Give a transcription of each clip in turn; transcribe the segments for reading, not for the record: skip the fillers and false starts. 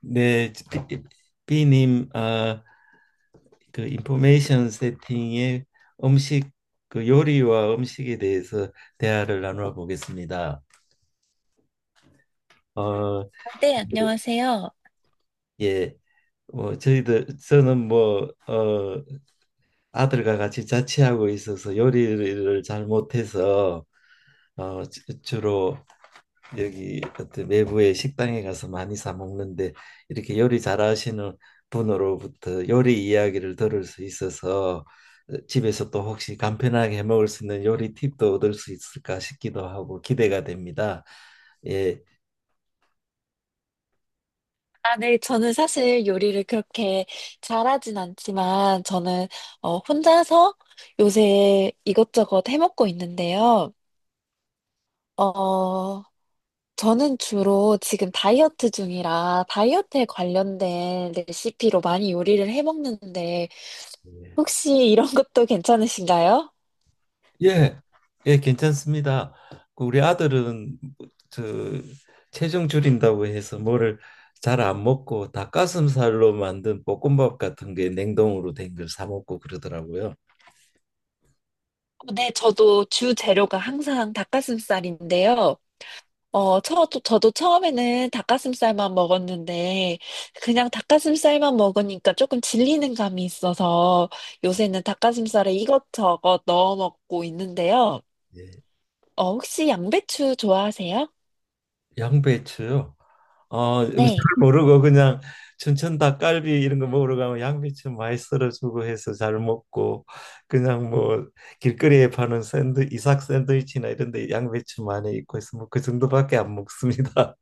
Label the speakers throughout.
Speaker 1: 네, 비, 비님. 그 인포메이션 세팅의 음식, 그 요리와 음식에 대해서 대화를 나누어 보겠습니다. 어,
Speaker 2: 네, 안녕하세요.
Speaker 1: 예. 뭐 저희들 저는 뭐 아들과 같이 자취하고 있어서 요리를 잘 못해서 주로 여기 어떤 외부의 식당에 가서 많이 사 먹는데, 이렇게 요리 잘하시는 분으로부터 요리 이야기를 들을 수 있어서 집에서 또 혹시 간편하게 해 먹을 수 있는 요리 팁도 얻을 수 있을까 싶기도 하고 기대가 됩니다. 예.
Speaker 2: 아, 네. 저는 사실 요리를 그렇게 잘하진 않지만, 혼자서 요새 이것저것 해먹고 있는데요. 어, 저는 주로 지금 다이어트 중이라 다이어트에 관련된 레시피로 많이 요리를 해먹는데,
Speaker 1: 예.
Speaker 2: 혹시 이런 것도 괜찮으신가요?
Speaker 1: 예, 예, 괜찮습니다. 그 우리 아들은 저 체중 줄인다고 해서 뭐를 잘 안 먹고 닭가슴살로 만든 볶음밥 같은 게 냉동으로 된 걸 사 먹고 그러더라고요.
Speaker 2: 네, 저도 주 재료가 항상 닭가슴살인데요. 저도 처음에는 닭가슴살만 먹었는데, 그냥 닭가슴살만 먹으니까 조금 질리는 감이 있어서 요새는 닭가슴살에 이것저것 넣어 먹고 있는데요.
Speaker 1: 예.
Speaker 2: 혹시 양배추 좋아하세요?
Speaker 1: 양배추요. 잘
Speaker 2: 네.
Speaker 1: 모르고 그냥 춘천 닭갈비 이런 거 먹으러 가면 양배추 많이 썰어주고 해서 잘 먹고, 그냥 뭐 길거리에 파는 샌드 이삭 샌드위치나 이런 데 양배추 많이 있고 해서 뭐 그 정도밖에 안 먹습니다.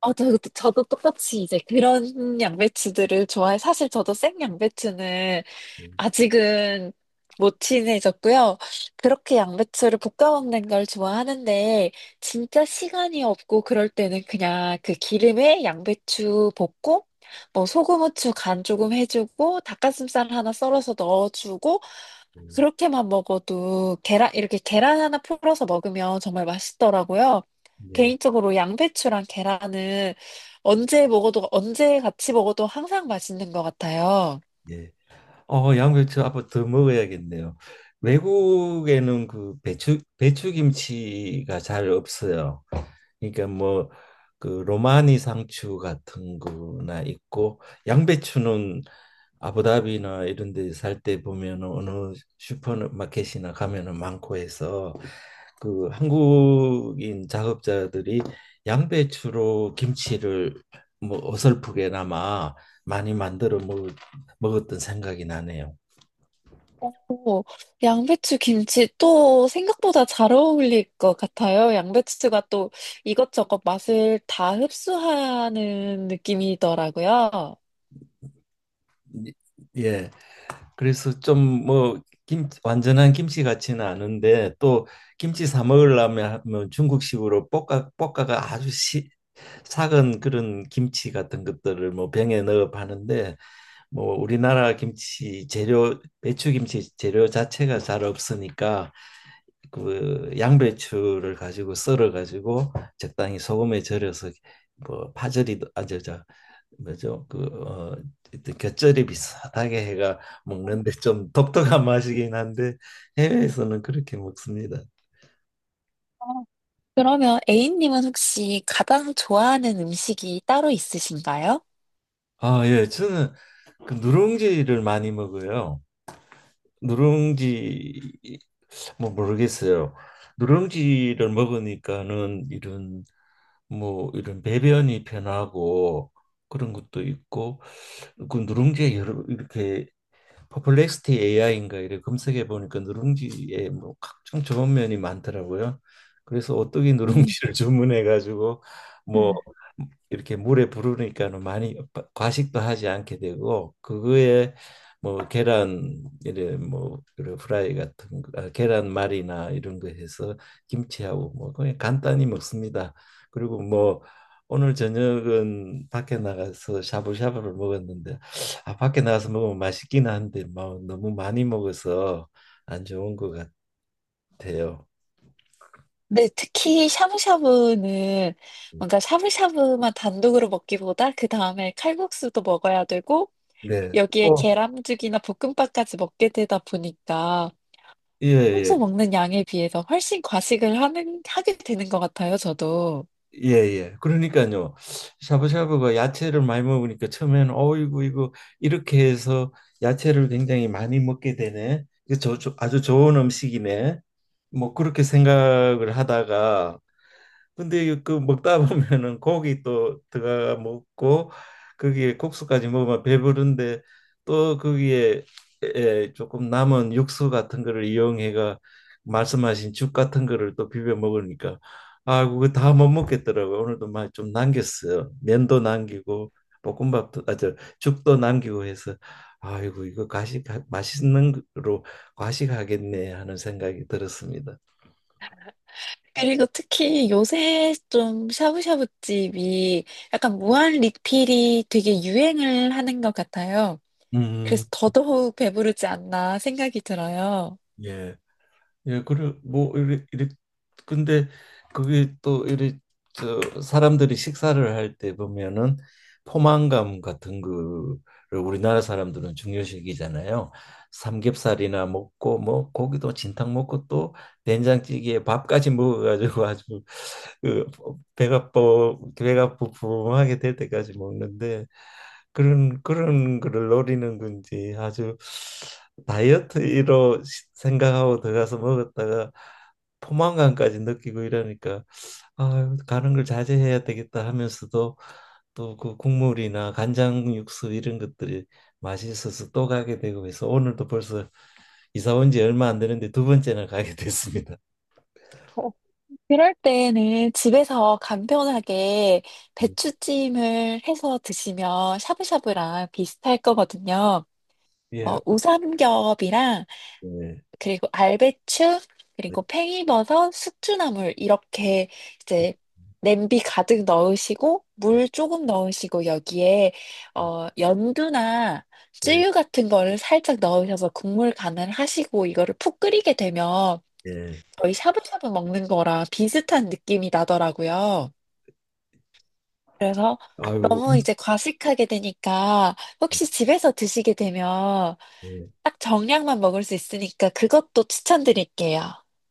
Speaker 2: 저도 똑같이 이제 그런 양배추들을 좋아해. 사실 저도 생 양배추는
Speaker 1: 음.
Speaker 2: 아직은 못 친해졌고요. 그렇게 양배추를 볶아 먹는 걸 좋아하는데, 진짜 시간이 없고 그럴 때는 그냥 그 기름에 양배추 볶고, 뭐 소금, 후추 간 조금 해주고, 닭가슴살 하나 썰어서 넣어주고,
Speaker 1: 음.
Speaker 2: 그렇게만 먹어도 이렇게 계란 하나 풀어서 먹으면 정말 맛있더라고요.
Speaker 1: 네.
Speaker 2: 개인적으로 양배추랑 계란은 언제 같이 먹어도 항상 맛있는 것 같아요.
Speaker 1: 예. 양배추 앞으로 더 먹어야겠네요. 외국에는 그 배추김치가 잘 없어요. 그러니까 뭐 그 로마니 상추 같은 거나 있고, 양배추는 아부다비나 이런 데 살 때 보면은 어느 슈퍼마켓이나 가면은 많고 해서 그 한국인 작업자들이 양배추로 김치를 뭐 어설프게나마 많이 먹었던 생각이 나네요.
Speaker 2: 오, 양배추 김치 또 생각보다 잘 어울릴 것 같아요. 양배추가 또 이것저것 맛을 다 흡수하는 느낌이더라고요.
Speaker 1: 예. 그래서 좀 뭐 김 완전한 김치 같지는 않은데 또 김치 사 먹으려면 뭐 중국식으로 볶아가 아주 삭은 그런 김치 같은 것들을 뭐 병에 넣어 파는데, 뭐 우리나라 김치 재료 배추김치 재료 자체가 잘 없으니까 그 양배추를 가지고 썰어 가지고 적당히 소금에 절여서 뭐 파절이도 아저저 뭐죠? 곁절이 비슷하게 해가 먹는데 좀 독특한 맛이긴 한데 해외에서는 그렇게 먹습니다.
Speaker 2: 어, 그러면 A님은 혹시 가장 좋아하는 음식이 따로 있으신가요?
Speaker 1: 아, 예. 저는 그 누룽지를 많이 먹어요. 누룽지 뭐 모르겠어요. 누룽지를 먹으니까는 이런 뭐 이런 배변이 편하고 그런 것도 있고, 그 누룽지에 여러 이렇게 퍼플렉스티 AI인가 이래 검색해 보니까 누룽지에 뭐 각종 좋은 면이 많더라고요. 그래서 오뚜기
Speaker 2: 음,
Speaker 1: 누룽지를 주문해 가지고 뭐
Speaker 2: 음.
Speaker 1: 이렇게 물에 부르니까는 많이 과식도 하지 않게 되고, 그거에 뭐 계란 이래 뭐 그런 프라이 같은 거, 아, 계란말이나 이런 거 해서 김치하고 뭐 그냥 간단히 먹습니다. 그리고 뭐 오늘 저녁은 밖에 나가서 샤브샤브를 먹었는데 아 밖에 나가서 먹으면 맛있긴 한데 뭐 너무 많이 먹어서 안 좋은 것 같아요.
Speaker 2: 네, 특히 샤브샤브는
Speaker 1: 음.
Speaker 2: 뭔가 샤브샤브만 단독으로 먹기보다 그 다음에 칼국수도 먹어야 되고
Speaker 1: 네.
Speaker 2: 여기에
Speaker 1: 어.
Speaker 2: 계란죽이나 볶음밥까지 먹게 되다 보니까
Speaker 1: 예, 예.
Speaker 2: 평소 먹는 양에 비해서 훨씬 과식을 하게 되는 것 같아요, 저도.
Speaker 1: 예예. 그러니까요. 샤브샤브가 야채를 많이 먹으니까 처음에는 어이구 이거 이렇게 해서 야채를 굉장히 많이 먹게 되네. 이거 아주 좋은 음식이네. 뭐 그렇게 생각을 하다가 근데 그 먹다 보면은 고기 또 들어가 먹고 거기에 국수까지 먹으면 배부른데 또 거기에 조금 남은 육수 같은 거를 이용해가 말씀하신 죽 같은 거를 또 비벼 먹으니까 아 그거 다 못 먹겠더라고요. 오늘도 많이 좀 남겼어요. 면도 남기고 볶음밥도 아저 죽도 남기고 해서 아이고 이거 과식 맛있는 거로 과식하겠네 하는 생각이 들었습니다.
Speaker 2: 그리고 특히 요새 좀 샤브샤브집이 약간 무한 리필이 되게 유행을 하는 것 같아요.
Speaker 1: 음.
Speaker 2: 그래서 더더욱 배부르지 않나 생각이 들어요.
Speaker 1: 예. 예, 그래 뭐 이래 근데 그게 또 이래 저 사람들이 식사를 할 때 보면은 포만감 같은 거를 우리나라 사람들은 중요시 여기잖아요. 삼겹살이나 먹고 뭐 고기도 진탕 먹고 또 된장찌개에 밥까지 먹어가지고 아주 그 배가 부풀하게 될 때까지 먹는데 그런 거를 노리는 건지 아주 다이어트로 생각하고 들어가서 먹었다가 포만감까지 느끼고 이러니까 아, 가는 걸 자제해야 되겠다 하면서도 또 그 국물이나 간장 육수 이런 것들이 맛있어서 또 가게 되고 해서 오늘도 벌써 이사 온 지 얼마 안 되는데 두 번째나 가게 됐습니다.
Speaker 2: 어, 그럴 때는 집에서 간편하게
Speaker 1: 예.
Speaker 2: 배추찜을 해서 드시면 샤브샤브랑 비슷할 거거든요. 어, 우삼겹이랑
Speaker 1: 예.
Speaker 2: 그리고 알배추,
Speaker 1: 예.
Speaker 2: 그리고 팽이버섯, 숙주나물 이렇게 이제 냄비 가득 넣으시고 물 조금 넣으시고 여기에 어 연두나
Speaker 1: 예.
Speaker 2: 쯔유 같은 거를 살짝 넣으셔서 국물 간을 하시고 이거를 푹 끓이게 되면
Speaker 1: 예.
Speaker 2: 거의 샤브샤브 먹는 거랑 비슷한 느낌이 나더라고요. 그래서
Speaker 1: 아유.
Speaker 2: 너무 이제 과식하게 되니까 혹시 집에서 드시게 되면
Speaker 1: 예.
Speaker 2: 딱 정량만 먹을 수 있으니까 그것도 추천드릴게요.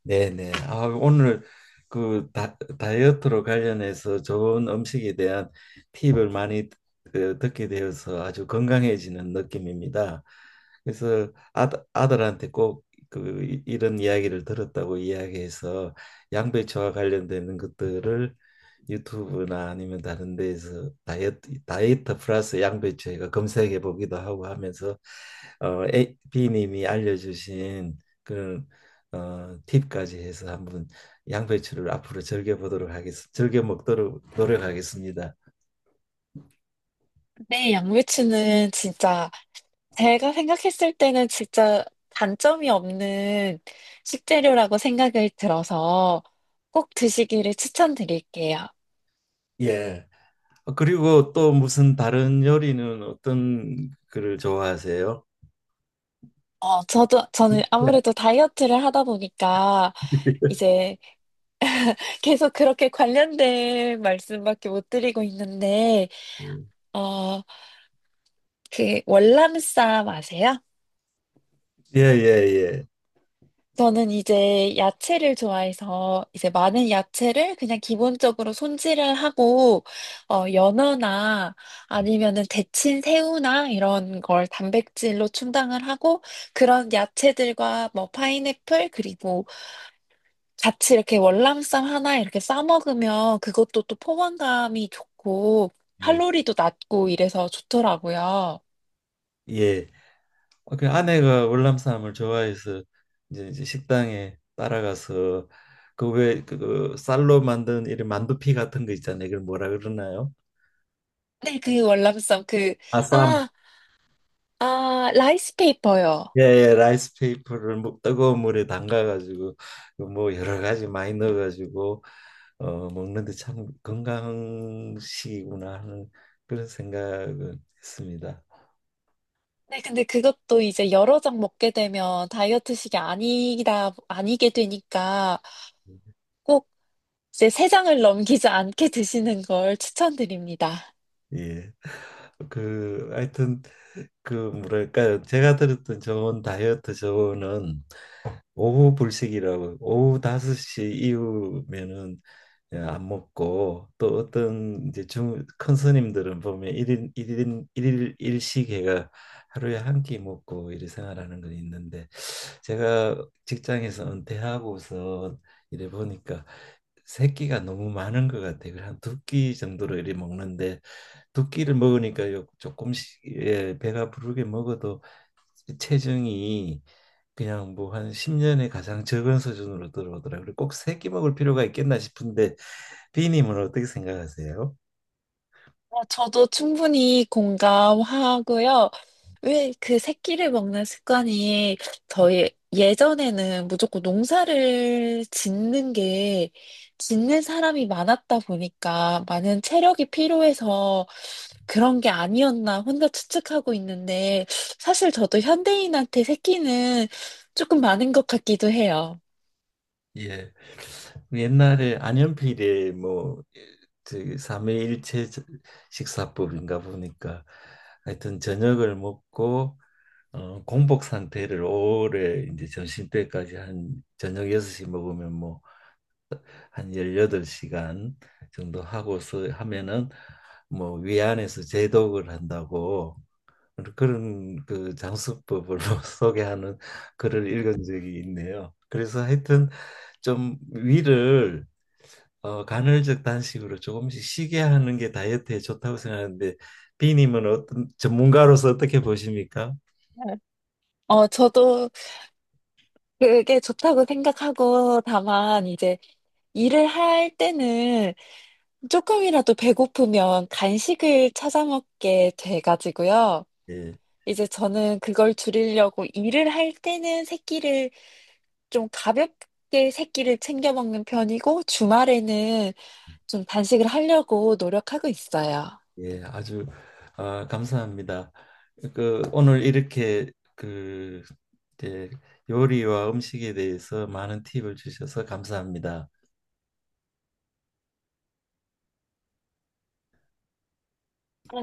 Speaker 1: 네네. 아, 오늘 그 다이어트로 관련해서 좋은 음식에 대한 팁을 많이 듣게 되어서 아주 건강해지는 느낌입니다. 그래서 아, 아들한테 꼭 그 이런 이야기를 들었다고 이야기해서 양배추와 관련되는 것들을 유튜브나 아니면 다른 데에서 다이어트 플러스 양배추 해가 검색해 보기도 하고 하면서 B님이 알려주신 그런 팁까지 해서 한번 양배추를 앞으로 즐겨 보도록 하겠습니다. 즐겨 먹도록 노력하겠습니다.
Speaker 2: 네, 양배추는 진짜 제가 생각했을 때는 진짜 단점이 없는 식재료라고 생각을 들어서 꼭 드시기를 추천드릴게요.
Speaker 1: 예. 그리고 또 무슨 다른 요리는 어떤 거를 좋아하세요?
Speaker 2: 저는 아무래도 다이어트를 하다 보니까 이제 계속 그렇게 관련된 말씀밖에 못 드리고 있는데, 어, 그 월남쌈 아세요?
Speaker 1: 예, 예, 예.
Speaker 2: 저는 이제 야채를 좋아해서 이제 많은 야채를 그냥 기본적으로 손질을 하고 연어나 아니면은 데친 새우나 이런 걸 단백질로 충당을 하고 그런 야채들과 뭐 파인애플 그리고 같이 이렇게 월남쌈 하나 이렇게 싸 먹으면 그것도 또 포만감이 좋고
Speaker 1: 예. 예.
Speaker 2: 칼로리도 낮고 이래서 좋더라고요.
Speaker 1: 예. 그 아내가 월남 쌈을 좋아해서 이제 식당에 따라가서 그 왜그 그 쌀로 만든 이런 만두피 같은 거 있잖아요. 이걸 뭐라 그러나요?
Speaker 2: 네, 그 월남쌈
Speaker 1: 아쌈.
Speaker 2: 아, 아, 라이스 페이퍼요.
Speaker 1: 예, 예, 라이스 페이퍼를 뭐 뜨거운 물에 담가가지고 뭐 여러 가지 많이 넣어가지고 먹는데 참 건강식이구나 하는 그런 생각은 했습니다.
Speaker 2: 네, 근데 그것도 이제 여러 장 먹게 되면 아니게 되니까 꼭 이제 세 장을 넘기지 않게 드시는 걸 추천드립니다.
Speaker 1: 예. 그 하여튼 그 뭐랄까요? 제가 들었던 좋은 다이어트 조언은 오후 불식이라고 오후 5시 이후면은 예, 안 먹고 또 어떤 이제 중 큰 스님들은 보면 일인일인일일 일식회가 하루에 한 끼 먹고 이래 생활하는 건 있는데 제가 직장에서 은퇴하고서 이래 보니까 세 끼가 너무 많은 것 같아요. 한 두 끼 정도로 이래 먹는데 두 끼를 먹으니까 조금씩 예, 배가 부르게 먹어도 체중이 그냥 뭐 한 10년에 가장 적은 수준으로 들어오더라고요. 그리고 꼭 세끼 먹을 필요가 있겠나 싶은데 비님은 어떻게 생각하세요?
Speaker 2: 어, 저도 충분히 공감하고요. 왜 그 새끼를 먹는 습관이 저희 예전에는 무조건 농사를 짓는 게 짓는 사람이 많았다 보니까 많은 체력이 필요해서 그런 게 아니었나 혼자 추측하고 있는데 사실 저도 현대인한테 새끼는 조금 많은 것 같기도 해요.
Speaker 1: 예. 옛날에 안현필의 뭐저 삼회일체 식사법인가 보니까 하여튼 저녁을 먹고 공복 상태를 오래 이제 점심때까지 한 저녁 6시 먹으면 뭐 한 18시간 정도 하고서 하면은 뭐 위안에서 제독을 한다고 그런 그 장수법을 소개하는 글을 읽은 적이 있네요. 그래서 하여튼 좀 위를 간헐적 단식으로 조금씩 쉬게 하는 게 다이어트에 좋다고 생각하는데 비님은 어떤 전문가로서 어떻게 보십니까?
Speaker 2: 저도 그게 좋다고 생각하고 다만 이제 일을 할 때는 조금이라도 배고프면 간식을 찾아 먹게 돼가지고요.
Speaker 1: 예.
Speaker 2: 이제 저는 그걸 줄이려고 일을 할 때는 새끼를 좀 가볍게 새끼를 챙겨 먹는 편이고 주말에는 좀 단식을 하려고 노력하고 있어요.
Speaker 1: 예, 아주 아, 감사합니다. 그 오늘 이렇게 그 이제 요리와 음식에 대해서 많은 팁을 주셔서 감사합니다.